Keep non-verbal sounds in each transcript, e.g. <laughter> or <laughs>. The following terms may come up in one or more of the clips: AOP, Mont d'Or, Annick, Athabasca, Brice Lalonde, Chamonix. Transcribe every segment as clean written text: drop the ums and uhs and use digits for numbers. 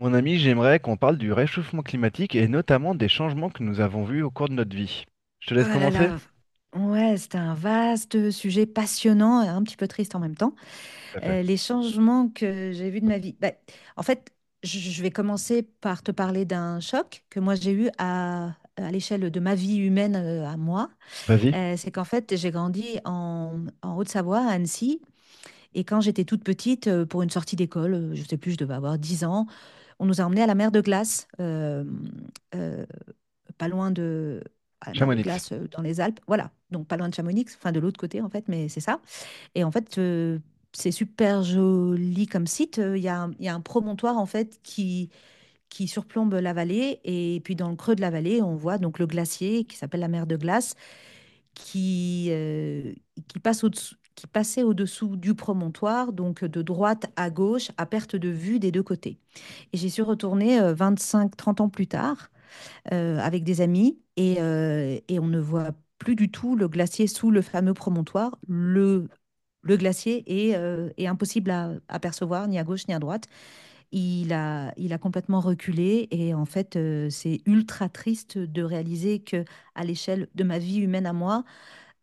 Mon ami, j'aimerais qu'on parle du réchauffement climatique et notamment des changements que nous avons vus au cours de notre vie. Je te Oh laisse là commencer? là, ouais, c'était un vaste sujet passionnant et un petit peu triste en même temps. Tout à fait. Les changements que j'ai vus de ma vie. Bah, en fait, je vais commencer par te parler d'un choc que moi j'ai eu à l'échelle de ma vie humaine à moi. Vas-y, C'est qu'en fait, j'ai grandi en Haute-Savoie, à Annecy, et quand j'étais toute petite, pour une sortie d'école, je sais plus, je devais avoir 10 ans, on nous a emmenés à la mer de glace. Euh, pas loin de À la mer de Chamonix, glace dans les Alpes. Voilà, donc pas loin de Chamonix, enfin de l'autre côté en fait, mais c'est ça. Et en fait, c'est super joli comme site. Il y a un promontoire en fait qui surplombe la vallée et puis dans le creux de la vallée, on voit donc le glacier qui s'appelle la mer de glace qui, euh, qui passe au-dessous qui passait au-dessous du promontoire, donc de droite à gauche, à perte de vue des deux côtés. Et j'y suis retournée 25-30 ans plus tard, avec des amis et on ne voit plus du tout le glacier sous le fameux promontoire. Le glacier est impossible à percevoir, ni à gauche ni à droite. Il a complètement reculé et en fait, c'est ultra triste de réaliser que à l'échelle de ma vie humaine à moi,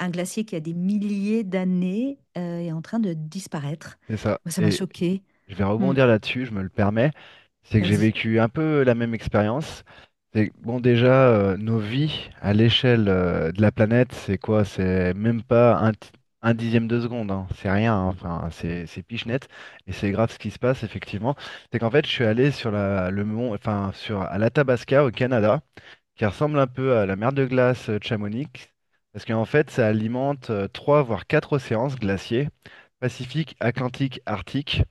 un glacier qui a des milliers d'années est en train de disparaître. c'est ça. Moi, ça m'a Et choquée. je vais Hmm, rebondir là-dessus, je me le permets. C'est que j'ai vas-y. vécu un peu la même expérience. C'est que, bon, déjà, nos vies à l'échelle de la planète, c'est quoi? C'est même pas un, un dixième de seconde, hein. C'est rien, hein. Enfin, c'est pichenette. Et c'est grave ce qui se passe, effectivement. C'est qu'en fait, je suis allé sur la, le mont, enfin, sur, à l'Athabasca, au Canada, qui ressemble un peu à la mer de glace de Chamonix, parce qu'en fait, ça alimente trois voire quatre océans glaciers, Pacifique, Atlantique, Arctique,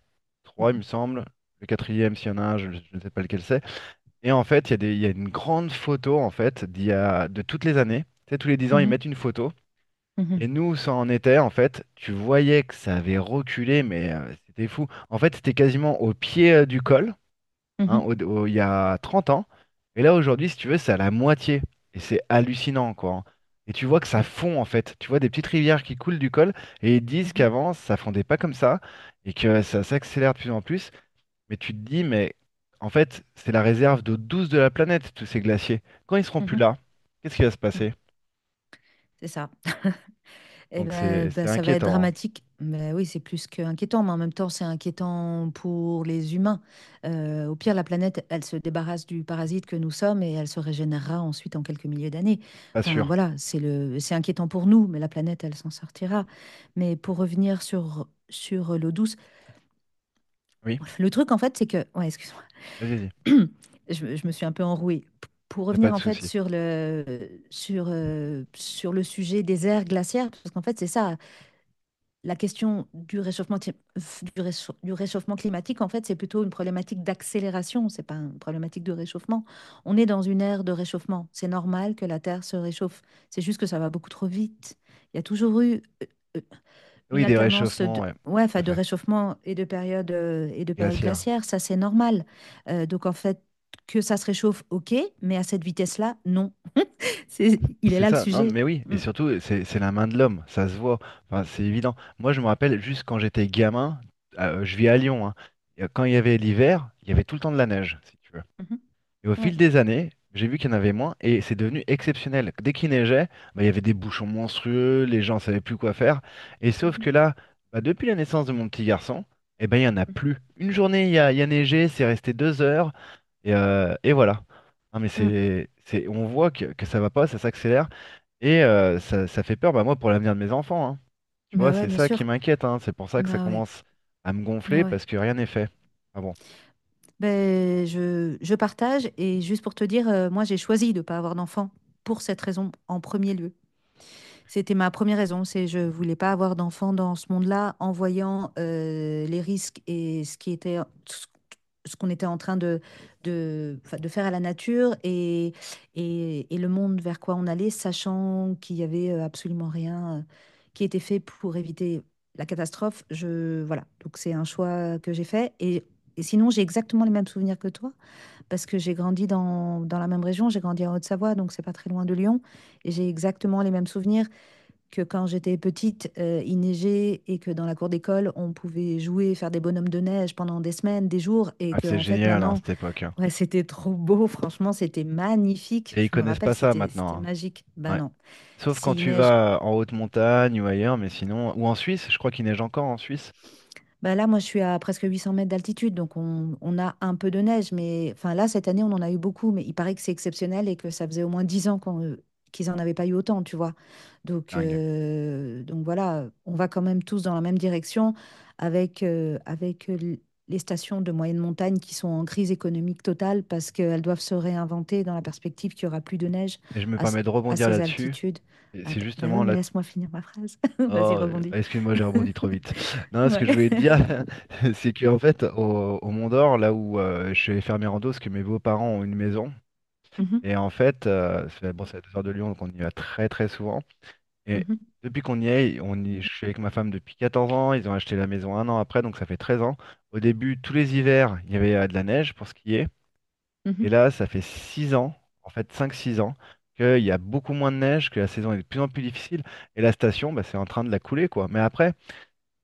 trois, il me semble. Le quatrième, s'il y en a un, je ne sais pas lequel c'est. Et en fait, il y a des, il y a une grande photo en fait d'il y a, de toutes les années. Tu sais, tous les 10 ans, ils Mhm, mettent une photo. mhm, Et nous, ça en était, en fait, tu voyais que ça avait reculé, mais c'était fou. En fait, c'était quasiment au pied du col, hein, mhm, il y a 30 ans. Et là, aujourd'hui, si tu veux, c'est à la moitié. Et c'est hallucinant, quoi, hein. Et tu vois que ça mhm, fond, en fait. Tu vois des petites rivières qui coulent du col, et ils disent mhm, qu'avant, ça fondait pas comme ça, et que ça s'accélère de plus en plus. Mais tu te dis, mais en fait, c'est la réserve d'eau douce de la planète, tous ces glaciers. Quand ils seront mhm, plus mhm, là, qu'est-ce qui va se mhm. passer? C'est ça. <laughs> Eh Donc ben, c'est ben, c'est ça va être inquiétant, hein. dramatique. Mais oui, c'est plus qu'inquiétant, mais en même temps, c'est inquiétant pour les humains. Au pire, la planète, elle se débarrasse du parasite que nous sommes et elle se régénérera ensuite en quelques milliers d'années. Pas Enfin, sûr. voilà, c'est inquiétant pour nous, mais la planète, elle s'en sortira. Mais pour revenir sur l'eau douce, Oui, le truc, en fait, c'est que... Ouais, excuse-moi. vas-y, vas-y. <clears throat> Je me suis un peu enrouée. Pour Y a revenir, pas de en fait, souci. sur le sujet des aires glaciaires, parce qu'en fait, c'est ça la question du réchauffement, du réchauffement climatique, en fait, c'est plutôt une problématique d'accélération, c'est pas une problématique de réchauffement. On est dans une ère de réchauffement. C'est normal que la Terre se réchauffe. C'est juste que ça va beaucoup trop vite. Il y a toujours eu euh, une Oui, des alternance réchauffements, de, ouais. ouais, Tout enfin, à de fait. réchauffement et de période Glaciaires. glaciaire. Ça, c'est normal. Donc, en fait, que ça se réchauffe, ok, mais à cette vitesse-là, non. C'est, il est C'est là le ça, non, sujet. mais oui, et Mm. surtout, c'est la main de l'homme, ça se voit, enfin, c'est évident. Moi, je me rappelle juste quand j'étais gamin, je vis à Lyon, hein, et, quand il y avait l'hiver, il y avait tout le temps de la neige, si tu veux. Mhm. Et au fil Ouais. des années, j'ai vu qu'il y en avait moins, et c'est devenu exceptionnel. Dès qu'il neigeait, bah, il y avait des bouchons monstrueux, les gens savaient plus quoi faire, et sauf que Mhm. là, bah, depuis la naissance de mon petit garçon, eh ben, il n'y en a plus. Une journée, il y a neigé, c'est resté 2 heures, et voilà. Ah, mais Mm. C'est, on voit que ça va pas, ça s'accélère. Et ça, ça fait peur, bah, moi, pour l'avenir de mes enfants, hein. Tu vois, Bah ouais, c'est bien ça qui sûr. m'inquiète, hein. C'est pour ça que ça Bah ouais. commence à me Ouais, gonfler ouais. parce que rien n'est fait. Ah bon. Ben, je partage et juste pour te dire, moi j'ai choisi de ne pas avoir d'enfant pour cette raison en premier lieu. C'était ma première raison, c'est je voulais pas avoir d'enfant dans ce monde-là en voyant les risques et ce ce qu'on était en train enfin, de faire à la nature et le monde vers quoi on allait, sachant qu'il y avait absolument rien qui était fait pour éviter la catastrophe. Je, voilà, donc c'est un choix que j'ai fait. Et sinon, j'ai exactement les mêmes souvenirs que toi, parce que j'ai grandi dans la même région, j'ai grandi en Haute-Savoie, donc c'est pas très loin de Lyon, et j'ai exactement les mêmes souvenirs que quand j'étais petite, il neigeait et que dans la cour d'école, on pouvait jouer, faire des bonhommes de neige pendant des semaines, des jours, et Ah, que c'est en fait génial, hein, maintenant, cette époque, hein. ouais, <laughs> c'était trop beau, franchement, c'était magnifique. Et ils Je me connaissent rappelle, pas ça c'était maintenant, magique. hein. Ben Ouais. non, Sauf quand s'il tu neige vas en haute montagne ou ailleurs, mais sinon. Ou en Suisse, je crois qu'il neige encore en Suisse. bah là, moi, je suis à presque 800 mètres d'altitude, donc on a un peu de neige. Mais enfin, là, cette année, on en a eu beaucoup, mais il paraît que c'est exceptionnel et que ça faisait au moins 10 ans qu'ils en avaient pas eu autant, tu vois. Donc, Dingue. euh, donc voilà, on va quand même tous dans la même direction avec les stations de moyenne montagne qui sont en crise économique totale parce qu'elles doivent se réinventer dans la perspective qu'il y aura plus de neige Et je me à, s- permets de à rebondir ces là-dessus. altitudes. Et c'est Attends, bah justement oui, mais là. laisse-moi finir ma phrase. <laughs> Vas-y, Oh, rebondis. excuse-moi, j'ai rebondi <laughs> trop vite. <laughs> Non, ce que je Ouais. voulais te dire, <laughs> c'est qu'en fait, au, au Mont d'Or, là où je vais faire mes randos, parce que mes beaux-parents ont une maison. Mhm, Et en fait, c'est- bon, c'est à 2 heures de Lyon, donc on y va très très souvent. Et mhm. depuis qu'on y est, on y, je suis avec ma femme depuis 14 ans. Ils ont acheté la maison un an après, donc ça fait 13 ans. Au début, tous les hivers, il y avait de la neige pour skier. Et Mhm, là, ça fait 6 ans, en fait cinq six ans, qu'il y a beaucoup moins de neige, que la saison est de plus en plus difficile. Et la station, bah, c'est en train de la couler, quoi. Mais après,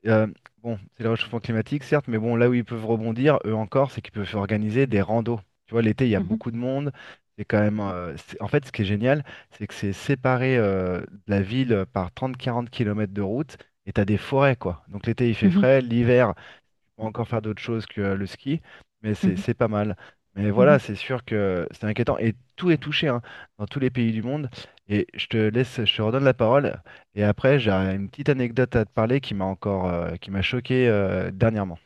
euh, bon, c'est le réchauffement climatique, certes, mais bon, là où ils peuvent rebondir, eux encore, c'est qu'ils peuvent organiser des randos. Tu vois, l'été, il y a mhm, beaucoup de monde. C'est quand même. En fait, ce qui est génial, c'est que c'est séparé de la ville par 30 quarante km de route et t'as des forêts, quoi. Donc l'été, il fait mhm, frais. L'hiver, va encore faire d'autres choses que le ski, mais c'est mhm, c'est pas mal. Mais voilà, mhm, c'est sûr que c'est inquiétant. Et tout est touché, hein, dans tous les pays du monde. Et je te laisse, je te redonne la parole. Et après, j'ai une petite anecdote à te parler qui m'a encore, qui m'a choqué dernièrement.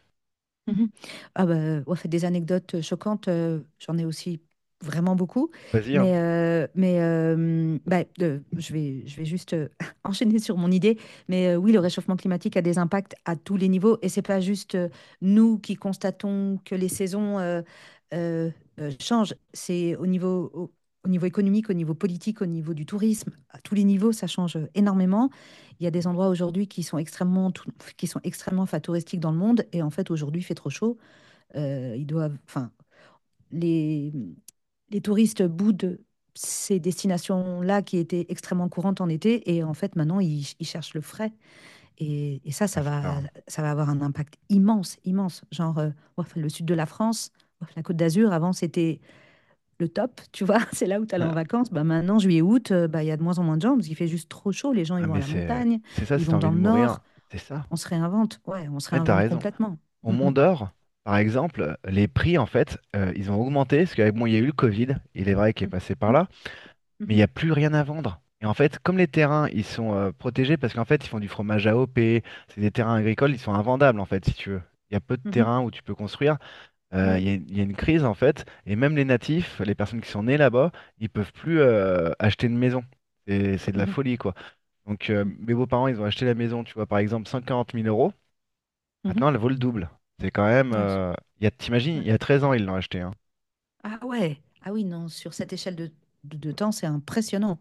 mhm. Ah bah, ouais, des anecdotes choquantes, j'en ai aussi vraiment beaucoup, Vas-y, hein. mais bah, je vais juste <laughs> enchaîner sur mon idée. Mais oui, le réchauffement climatique a des impacts à tous les niveaux, et c'est pas juste nous qui constatons que les saisons euh, changent, c'est au niveau économique, au niveau politique, au niveau du tourisme, à tous les niveaux, ça change énormément. Il y a des endroits aujourd'hui qui sont extrêmement enfin, touristiques dans le monde. Et en fait, aujourd'hui, il fait trop chaud. Enfin, les, les touristes boudent ces destinations-là qui étaient extrêmement courantes en été. Et en fait, maintenant, ils cherchent le frais. Et ça, Ah, ça c'est va, ça, ça va avoir un impact immense, immense. Genre, ouaf, le sud de la France, ouaf, la Côte d'Azur, avant, c'était le top. Tu vois, <laughs> c'est là où tu allais hein. en <laughs> vacances. Bah, maintenant, juillet, août, bah, il y a de moins en moins de gens parce qu'il fait juste trop chaud. Les gens, Ah, ils vont mais à la c'est montagne, c'est ça, ils si t'as vont envie dans de le mourir, nord. c'est ça. On se réinvente, ouais, on se Eh, t'as réinvente raison. complètement. Au Mm, Mont mm, d'Or, par exemple, les prix, en fait, ils ont augmenté parce qu'avec moi, il y a eu le Covid. Il est vrai qu'il est passé par mm, là, mais il mhm, n'y a plus rien à vendre. Et en fait, comme les terrains, ils sont protégés parce qu'en fait, ils font du fromage à AOP, c'est des terrains agricoles, ils sont invendables en fait, si tu veux. Il y a peu de mhm, terrains où tu peux construire. Ouais, Il y a une crise en fait, et même les natifs, les personnes qui sont nées là-bas, ils peuvent plus acheter une maison. C'est de la mhm, folie, quoi. Donc mes beaux-parents, ils ont acheté la maison, tu vois, par exemple 140 000 euros. mhm, Maintenant, elle mhm. vaut le double. C'est quand même. Ouais, Il y a, t'imagines, ouais. il y a 13 ans, ils l'ont acheté, hein. Ah ouais, ah oui, non, sur cette échelle de temps, c'est impressionnant.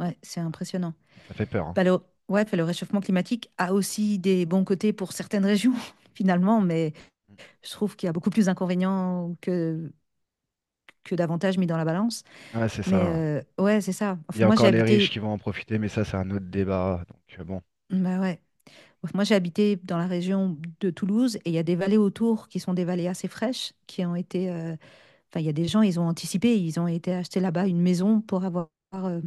Ouais, c'est impressionnant. Ça fait peur, hein. Bah, ouais, puis le réchauffement climatique a aussi des bons côtés pour certaines régions, <laughs> finalement, mais je trouve qu'il y a beaucoup plus d'inconvénients que d'avantages mis dans la balance. Ouais, c'est Mais ça. Ouais, c'est ça. Il y Enfin, a moi, j'ai encore les riches habité. qui vont en profiter, mais ça, c'est un autre débat. Donc, bon, Bah ouais. Moi, j'ai habité dans la région de Toulouse et il y a des vallées autour qui sont des vallées assez fraîches qui ont été. Enfin, il y a des gens, ils ont anticipé, ils ont été acheter là-bas une maison pour avoir euh,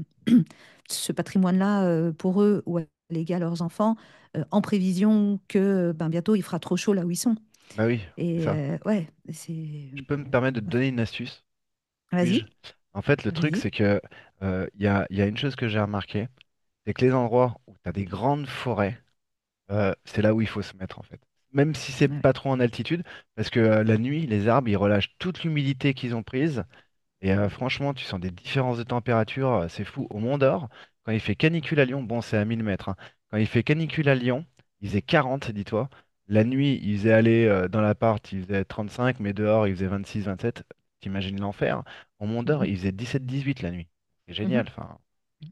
<clears throat> ce patrimoine-là pour eux ou à léguer à leurs enfants en prévision que ben, bientôt il fera trop chaud là où ils sont. bah oui, c'est ça. Ouais, c'est. Je peux me permettre de te donner une astuce, puis-je? Vas-y, En fait, le truc, vas-y. c'est que il y a une chose que j'ai remarquée, c'est que les endroits où tu as des grandes forêts, c'est là où il faut se mettre, en fait. Même si c'est Ouais, ouais. pas trop en altitude, parce que la nuit, les arbres, ils relâchent toute l'humidité qu'ils ont prise. Et franchement, tu sens des différences de température, c'est fou. Au Mont d'Or, quand il fait canicule à Lyon, bon, c'est à 1 000 mètres, hein. Quand il fait canicule à Lyon, il faisait 40, dis-toi. La nuit, il faisait aller dans l'appart, il faisait 35, mais dehors, il faisait 26, 27. T'imagines l'enfer. Au Mont d'Or, Mhm. il faisait 17, 18 la nuit. C'est génial, Mhm. enfin.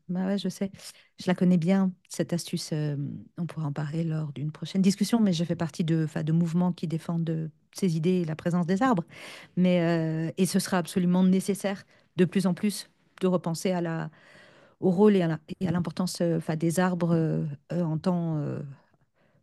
Bah ouais, je sais. Je la connais bien, cette astuce. On pourra en parler lors d'une prochaine discussion, mais je fais partie de, enfin, de mouvements qui défendent ces idées et la présence des arbres. Mais, et ce sera absolument nécessaire de plus en plus de repenser au rôle et et à l'importance enfin, des arbres en temps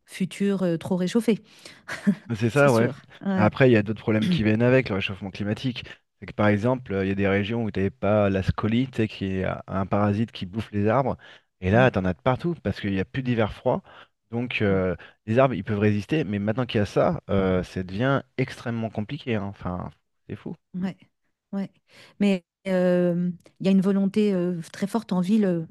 futur trop réchauffé. <laughs> C'est C'est ça, ouais. sûr. Mais Ouais, après, il y a d'autres problèmes qui viennent avec le réchauffement climatique. C'est que par exemple, il y a des régions où t'avais pas la scolie, tu sais, qui est un parasite qui bouffe les arbres. Et là, ouais, t'en as de partout parce qu'il n'y a plus d'hiver froid. Donc, mm, les arbres, ils peuvent résister. Mais maintenant qu'il y a ça, ça devient extrêmement compliqué, hein. Enfin, c'est fou. ouais, ouais. Mais il y a une volonté très forte en ville,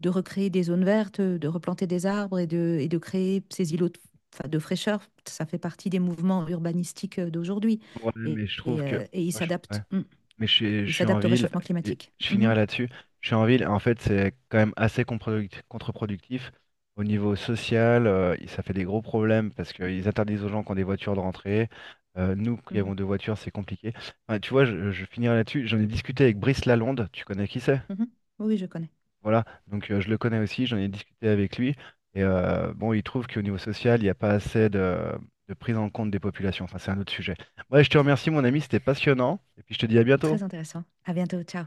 de recréer des zones vertes, de replanter des arbres et de créer ces îlots de, enfin, de fraîcheur. Ça fait partie des mouvements urbanistiques d'aujourd'hui. Ouais, Et, mais je trouve et, que. euh, et ils Moi, je... ouais. s'adaptent. Mm. Mais je Ils suis en s'adaptent au ville, réchauffement et climatique. je Mhm. finirai là-dessus. Je suis en ville, et en fait, c'est quand même assez contre-productif. Au niveau social, ça fait des gros problèmes parce qu'ils interdisent aux gens qui ont des voitures de rentrer. Nous qui Mhm. avons 2 voitures, c'est compliqué. Enfin, tu vois, je finirai là-dessus. J'en ai discuté avec Brice Lalonde, tu connais qui c'est? Mhm. Oui, oui, je connais. Voilà, donc je le connais aussi, j'en ai discuté avec lui. Et bon, il trouve qu'au niveau social, il n'y a pas assez de prise en compte des populations. Enfin, c'est un autre sujet. Ouais, je te remercie, mon ami, c'était passionnant. Et puis, je te dis à bientôt. Très intéressant. À bientôt. Ciao.